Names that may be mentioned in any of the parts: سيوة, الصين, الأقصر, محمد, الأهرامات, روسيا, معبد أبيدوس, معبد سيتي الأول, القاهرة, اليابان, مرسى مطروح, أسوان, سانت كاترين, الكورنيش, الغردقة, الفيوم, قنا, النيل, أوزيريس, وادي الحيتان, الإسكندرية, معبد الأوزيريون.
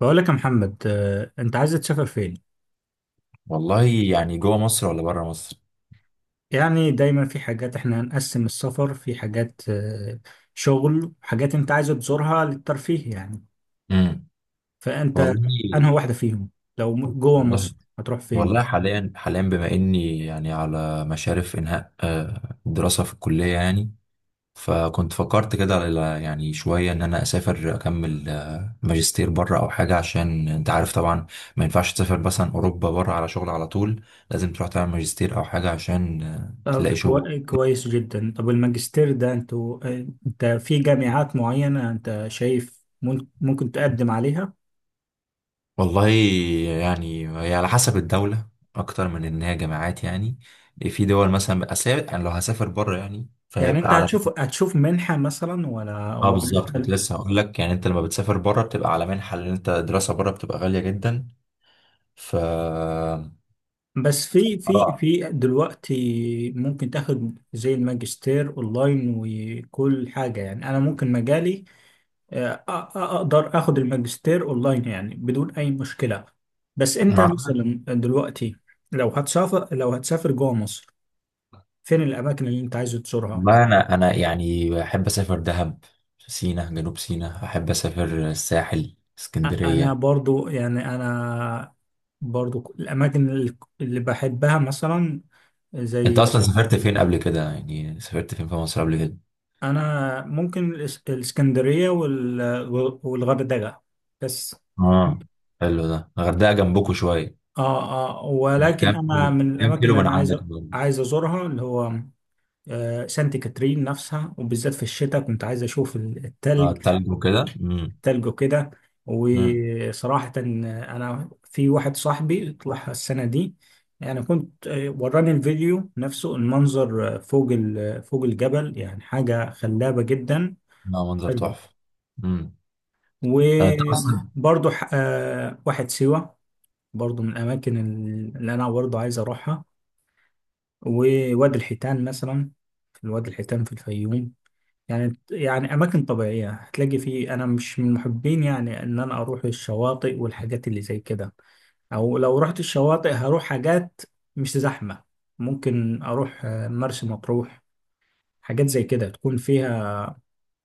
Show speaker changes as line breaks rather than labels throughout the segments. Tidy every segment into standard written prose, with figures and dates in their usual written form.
بقول لك يا محمد، انت عايز تسافر فين؟
يعني جوه مصر ولا بره مصر؟
يعني دايما في حاجات، احنا هنقسم السفر في حاجات، شغل، حاجات انت عايز تزورها للترفيه يعني.
امم
فانت
والله
انهي واحدة فيهم؟ لو جوه
والله
مصر هتروح فين؟
والله حاليا بما اني يعني على مشارف انهاء الدراسه في الكليه، يعني فكنت فكرت كده يعني شويه ان انا اسافر اكمل ماجستير بره او حاجه، عشان انت عارف طبعا ما ينفعش تسافر مثلا اوروبا بره على شغل على طول. لازم تروح تعمل ماجستير او حاجه عشان
طب
تلاقي شغل.
كويس جدا. طب الماجستير ده انتوا، انت في جامعات معينة انت شايف ممكن تقدم عليها؟
والله يعني هي على حسب الدولة أكتر من إن هي جامعات يعني. في دول مثلا أسافر، يعني لو هسافر بره يعني
يعني
فهيبقى
انت
على...
هتشوف منحة مثلا
اه
ولا
بالظبط، كنت
انت؟
لسه هقول لك يعني أنت لما بتسافر بره بتبقى على منحة، لأن أنت الدراسة بره بتبقى غالية جدا. ف اه
بس في دلوقتي ممكن تاخد زي الماجستير اونلاين وكل حاجه. يعني انا ممكن مجالي اقدر اخد الماجستير اونلاين يعني بدون اي مشكله. بس انت
مع
مثلا دلوقتي لو هتسافر جوه مصر، فين الاماكن اللي انت عايز تزورها؟
ما أنا يعني بحب أسافر دهب، سينا، جنوب سينا، أحب أسافر الساحل،
انا
اسكندرية.
برضو يعني انا برضو الاماكن اللي بحبها مثلا،
أنت
زي...
أصلا سافرت فين قبل كده؟ يعني سافرت فين في مصر قبل كده؟
انا ممكن الاسكندريه والغردقه بس. فاهم؟
اه حلو، ده الغردقة جنبكوا شوية.
اه اه، ولكن انا من
كام
الاماكن
كيلو
اللي
من
انا
عندك بقى؟
عايز ازورها، اللي هو آه سانت كاترين نفسها، وبالذات في الشتاء كنت عايز اشوف التلج
التلج وكده. امم.
التلج وكده.
امم.
وصراحه انا في واحد صاحبي طلع السنه دي، يعني كنت، وراني الفيديو نفسه، المنظر فوق الجبل، يعني حاجه خلابه جدا.
لا، منظر تحفة. امم. انت اصلا
وبرضو واحد سيوة، برضو من الأماكن اللي أنا برضو عايز أروحها، ووادي الحيتان مثلا. في وادي الحيتان في الفيوم. يعني أماكن طبيعية هتلاقي فيه. أنا مش من محبين يعني إن أنا أروح الشواطئ والحاجات اللي زي كده. أو لو رحت الشواطئ هروح حاجات مش زحمة. ممكن أروح مرسى مطروح، حاجات زي كده تكون فيها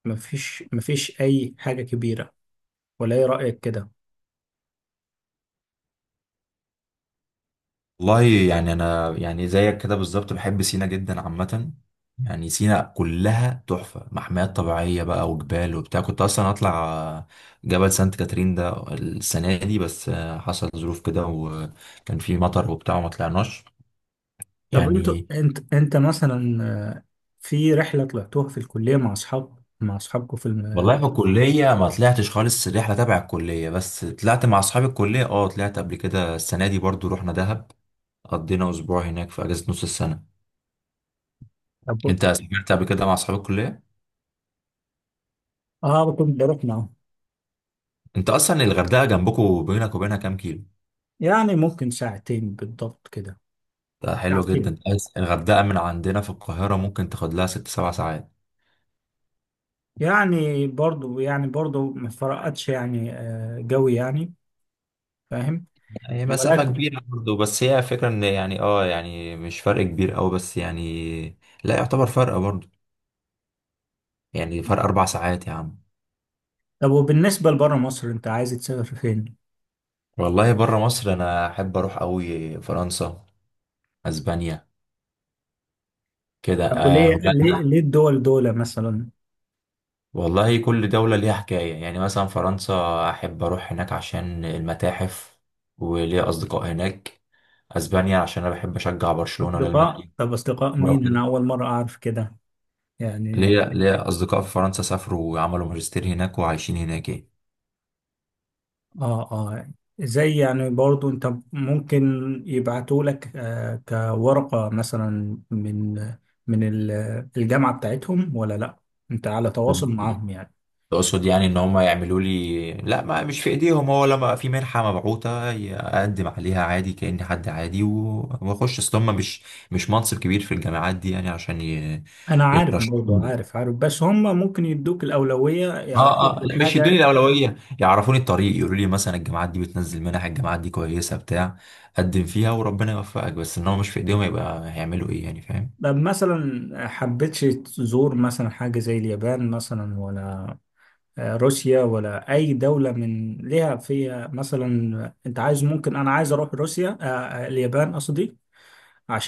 مفيش أي حاجة كبيرة. ولا إيه رأيك كده؟
والله يعني انا يعني زيك كده بالظبط بحب سينا جدا عامة. يعني سينا كلها تحفة، محميات طبيعية بقى وجبال وبتاع، كنت اصلا هطلع جبل سانت كاترين ده السنة دي بس حصل ظروف كده، وكان في مطر وبتاع وما طلعناش.
طب
يعني
انت مثلا آه، في رحله طلعتوها في الكليه مع اصحابكم في
والله في الكلية ما طلعتش خالص، الرحلة تبع الكلية بس، طلعت مع أصحاب الكلية. اه طلعت قبل كده، السنة دي برضو رحنا دهب، قضينا أسبوع هناك في أجازة نص السنة.
طب-
أنت سافرت قبل كده مع أصحاب الكلية؟
اه، كنت بروح معاهم.
أنت أصلا الغردقة جنبكوا، بينك وبينها كام كيلو؟
يعني ممكن ساعتين بالضبط كده.
ده حلو جدا،
ساعتين،
بس الغردقة من عندنا في القاهرة ممكن تاخد لها 6 7 ساعات.
يعني برضو ما فرقتش يعني، جوي يعني. فاهم؟
هي مسافة
ولكن...
كبيرة برضو، بس هي فكرة إن يعني مش فرق كبير أوي، بس يعني لا يعتبر فرق برضو. يعني فرق 4 ساعات يا عم.
طب وبالنسبه لبره مصر انت عايز تسافر فين؟
والله بره مصر انا احب اروح قوي فرنسا، اسبانيا، كده،
طب وليه ليه
هولندا.
ليه الدول مثلا؟
والله كل دولة ليها حكاية، يعني مثلا فرنسا احب اروح هناك عشان المتاحف وليا اصدقاء هناك. اسبانيا عشان انا بحب اشجع برشلونة وريال
اصدقاء؟
مدريد.
طب اصدقاء
مرة
مين؟ انا
كده.
اول مره اعرف كده يعني.
ليا اصدقاء في فرنسا سافروا وعملوا ماجستير هناك وعايشين هناك.
اه اه، زي يعني برضو انت ممكن يبعتوا لك آه كورقة مثلا من الجامعة بتاعتهم، ولا لا انت على تواصل
يعني
معاهم يعني؟
تقصد يعني ان هم يعملوا لي؟ لا، ما مش في ايديهم، هو لما في منحة مبعوثة اقدم عليها عادي كأني حد عادي واخش. اصل هم مش منصب كبير في الجامعات دي يعني عشان
انا عارف، برضو
يرشحوني.
عارف بس هم ممكن يدوك الأولوية، يعرفوك
اه، اه، لا مش يدوني
بالحاجة.
الاولوية، يعرفوني الطريق، يقولوا لي مثلا الجامعات دي بتنزل منح، الجامعات دي كويسة بتاع، قدم فيها وربنا يوفقك. بس ان هو مش في ايديهم، يبقى هيعملوا ايه يعني، فاهم؟
طب مثلا حبيتش تزور مثلا حاجة زي اليابان مثلا، ولا روسيا، ولا أي دولة من ليها فيها مثلا. أنت عايز... ممكن أنا عايز أروح روسيا، اليابان قصدي،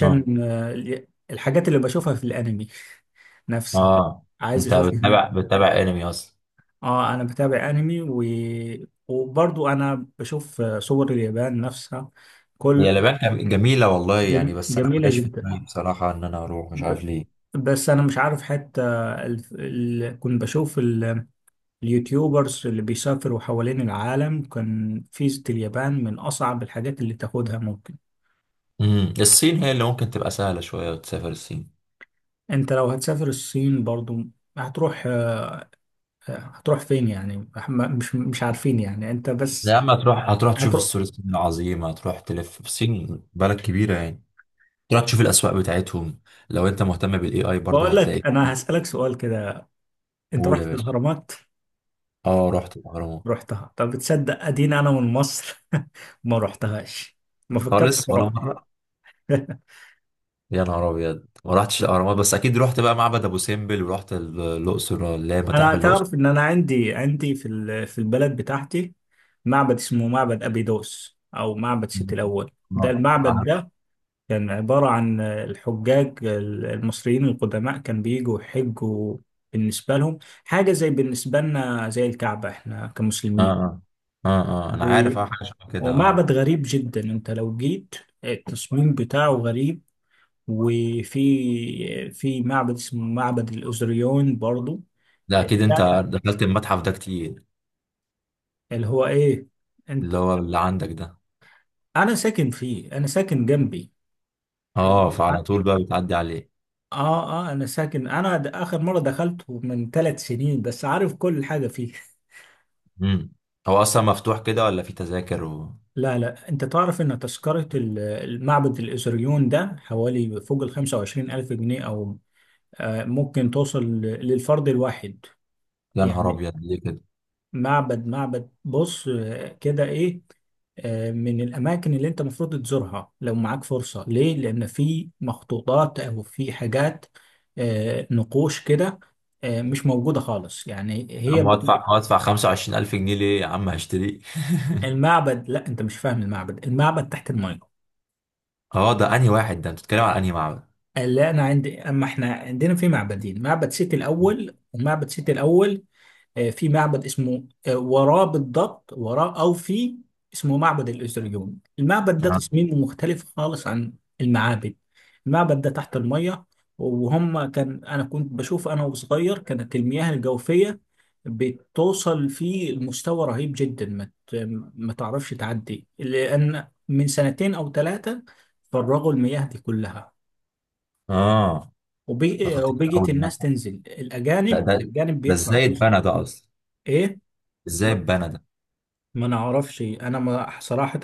اه،
الحاجات اللي بشوفها في الانمي
اه،
نفسها،
آه.
عايز
انت
اشوف هناك.
بتتابع انمي اصلا؟
اه انا بتابع انمي و... وبرضو انا بشوف صور اليابان نفسها.
هي
كل...
اليابان جميلة والله يعني، بس أنا ما
جميلة
جاش في
جدا.
دماغي بصراحة إن أنا أروح، مش
ب...
عارف ليه.
بس انا مش عارف حتى كنت بشوف اليوتيوبرز اللي بيسافروا حوالين العالم، كان فيزة اليابان من اصعب الحاجات اللي تاخدها ممكن.
الصين هي اللي ممكن تبقى سهلة شوية، وتسافر الصين.
انت لو هتسافر الصين برضو هتروح هتروح فين يعني؟ مش عارفين يعني، انت
يا
بس
عم هتروح تشوف
هتروح.
السور الصيني العظيم، هتروح تلف في الصين بلد كبيرة يعني. تروح تشوف الأسواق بتاعتهم، لو أنت مهتم بالإي آي برضه
بقول
هتلاقي.
لك، انا هسألك سؤال كده. انت
قول يا
رحت
باشا.
الاهرامات؟
أه، رحت الأهرامات.
رحتها؟ طب بتصدق اديني انا من مصر ما رحتهاش؟ ما فكرتش
خالص ولا
اروحها.
مرة؟ يا نهار أبيض، ما رحتش الأهرامات؟ بس أكيد رحت بقى معبد أبو سمبل، ورحت الأقصر، اللي هي
انا
متاحف الأقصر.
تعرف ان انا عندي في في البلد بتاعتي معبد اسمه معبد ابيدوس او معبد سيتي الاول. ده المعبد
آه.
ده كان عبارة عن الحجاج المصريين القدماء، كان بيجوا يحجوا، بالنسبة لهم حاجة زي بالنسبة لنا زي الكعبة احنا
اه،
كمسلمين.
اه، اه، اه انا
و-
عارف، اه حاجه شبه كده، اه.
ومعبد غريب جدا. انت لو جيت التصميم بتاعه غريب. في معبد اسمه معبد الأوزريون برضو.
ده اكيد انت
ده
دخلت المتحف ده كتير،
اللي هو ايه، انت...
اللي هو اللي عندك ده.
انا ساكن فيه، انا ساكن جنبي.
اه،
اه
فعلى طول بقى بتعدي عليه.
اه، انا ساكن، انا اخر مره دخلته من ثلاث سنين، بس عارف كل حاجه فيه.
امم. هو اصلا مفتوح كده ولا في تذاكر و...؟
لا انت تعرف ان تذكرة المعبد الازريون ده حوالي فوق ال 25 الف جنيه، او ممكن توصل للفرد الواحد
يا نهار
يعني.
ابيض، ليه كده؟
معبد بص، كده ايه، من الاماكن اللي انت المفروض تزورها لو معاك فرصة، ليه؟ لان في مخطوطات او في حاجات، نقوش كده، مش موجودة خالص يعني.
يا
هي
عم هدفع 25000 جنيه ليه يا عم، هشتريه؟
المعبد... لا انت مش فاهم. المعبد تحت المية.
اه ده انهي واحد؟ ده انت بتتكلم على انهي معبد؟
لا انا عندي، اما احنا عندنا في معبدين، معبد سيتي الاول ومعبد سيتي الاول، في معبد اسمه، وراه بالضبط، وراه، او... في اسمه معبد الازريون. المعبد ده
اه،
تصميمه مختلف خالص عن المعابد. المعبد ده تحت المية. وهم كان... انا كنت بشوف انا وصغير، كانت المياه الجوفية بتوصل فيه لمستوى رهيب جدا، ما ما تعرفش تعدي. لان من سنتين او ثلاثة فرغوا المياه دي كلها
اه. ده خطير قوي
وبيجت الناس
المتحف
تنزل،
ده
الاجانب،
ده ده
بيدفع
ازاي
فلوس.
اتبنى ده اصلا؟
ايه؟
ازاي
ما
اتبنى ده؟
ما نعرفش انا، ما صراحة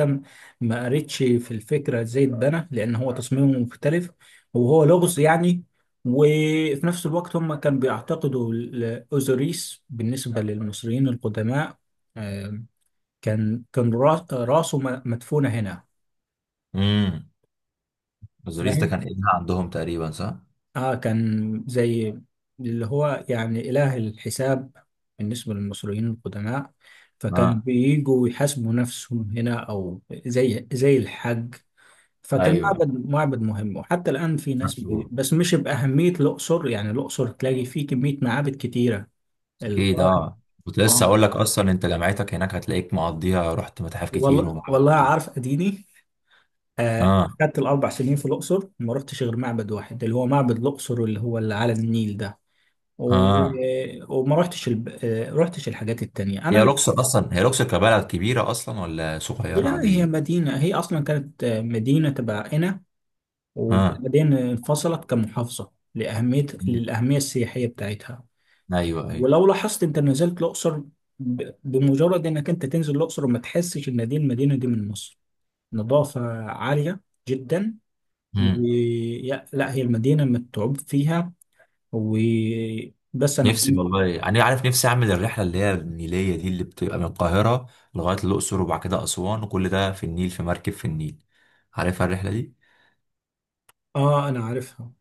ما قريتش في الفكرة ازاي اتبنى، لان هو تصميمه مختلف، وهو لغز يعني. وفي نفس الوقت هم كانوا بيعتقدوا الاوزوريس بالنسبة للمصريين القدماء، آه، كان راسه مدفونة هنا.
امم. بازاريس ده
فاهم؟
كان ابنها عندهم تقريبا، صح؟
اه كان زي اللي هو يعني إله الحساب بالنسبة للمصريين القدماء، فكانوا
اه
بييجوا يحاسبوا نفسهم هنا، أو زي الحج. فكان
ايوه،
معبد مهم، وحتى الآن في ناس
مكتوب.
بس مش بأهمية الأقصر يعني. الأقصر تلاقي فيه كمية معابد كتيرة.
اكيد،
القاهرة...
اه، كنت لسه
اه،
اقول لك اصلا، انت جامعتك هناك هتلاقيك مقضيها، رحت متاحف كتير
والله
ومعارف كتير.
عارف أديني آه
اه،
خدت الأربع سنين في الأقصر ما رحتش غير معبد واحد، اللي هو معبد الأقصر، اللي هو اللي على النيل ده. و...
اه.
وما رحتش الب... آه، رحتش الحاجات التانية. أنا
هي
مش...
لوكسور اصلا، هي لوكسور كبلد كبيره اصلا ولا صغيره
لا هي
عاديه؟
مدينة، هي أصلا كانت مدينة تبع قنا،
اه
وبعدين انفصلت كمحافظة للأهمية السياحية بتاعتها.
ايوه ايوه.
ولو لاحظت أنت نزلت الأقصر، بمجرد إنك أنت تنزل الأقصر، ما تحسش إن دي المدينة دي من مصر. نظافة عالية جدا. و...
مم.
لا هي المدينة متعوب فيها. و... بس أنا
نفسي
كنت...
والله يعني، عارف، نفسي اعمل الرحله اللي هي النيليه دي، اللي بتبقى من القاهره لغايه الاقصر وبعد كده اسوان، وكل ده في النيل في مركب في النيل، عارفها الرحله دي؟
آه أنا عارفها.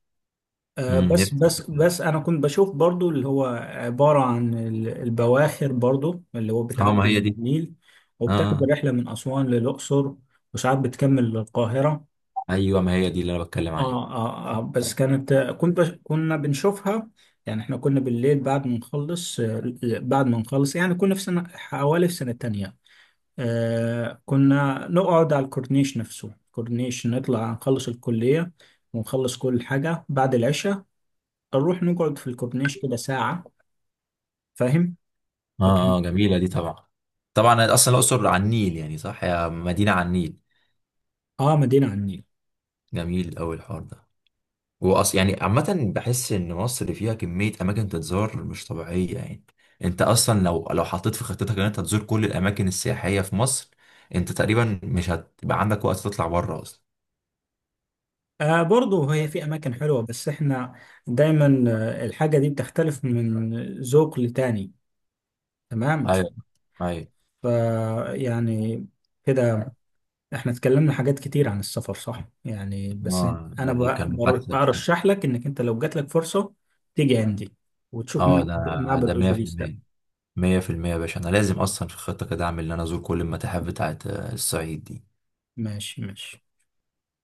آه،
امم، نفسي.
بس انا كنت بشوف برضو اللي هو عبارة عن البواخر برضو اللي هو
اه ما
بتعدي
هي
من
دي.
النيل،
اه،
وبتاخد
آه.
الرحلة من أسوان للأقصر، وساعات بتكمل للقاهرة.
ايوه ما هي دي اللي انا بتكلم عليها.
اه بس كانت... كنت بش... كنا بنشوفها، يعني احنا كنا بالليل بعد ما نخلص، بعد ما نخلص يعني كنا في سنة حوالي في سنة تانية، آه كنا نقعد على الكورنيش نفسه، الكورنيش، نطلع نخلص الكلية ونخلص كل حاجة بعد العشاء، نروح نقعد في الكورنيش كده ساعة. فاهم؟ فكان...
اه، اه جميلة دي طبعا. طبعا اصلا الاقصر على النيل يعني، صح، هي مدينة على النيل.
اه مدينة على النيل.
جميل قوي الحوار ده. واص يعني، عامة بحس ان مصر فيها كمية اماكن تتزار مش طبيعية يعني، انت اصلا لو حطيت في خطتك ان انت تزور كل الاماكن السياحية في مصر، انت تقريبا مش هتبقى عندك وقت تطلع بره اصلا.
آه برضه هي في أماكن حلوة، بس احنا دايما الحاجة دي بتختلف من ذوق لتاني. تمام؟
ايوه، ايوه.
ف... يعني كده احنا اتكلمنا حاجات كتير عن السفر، صح؟ يعني بس
اه
أنا
يعني كان محادثة
برشح لك إنك أنت لو جات لك فرصة تيجي عندي وتشوف
اه ده
معبد أوزيريس ده.
100% 100%، يا باشا انا لازم اصلا في الخطة كده اعمل ان انا ازور كل المتاحف بتاعت الصعيد دي.
ماشي ماشي.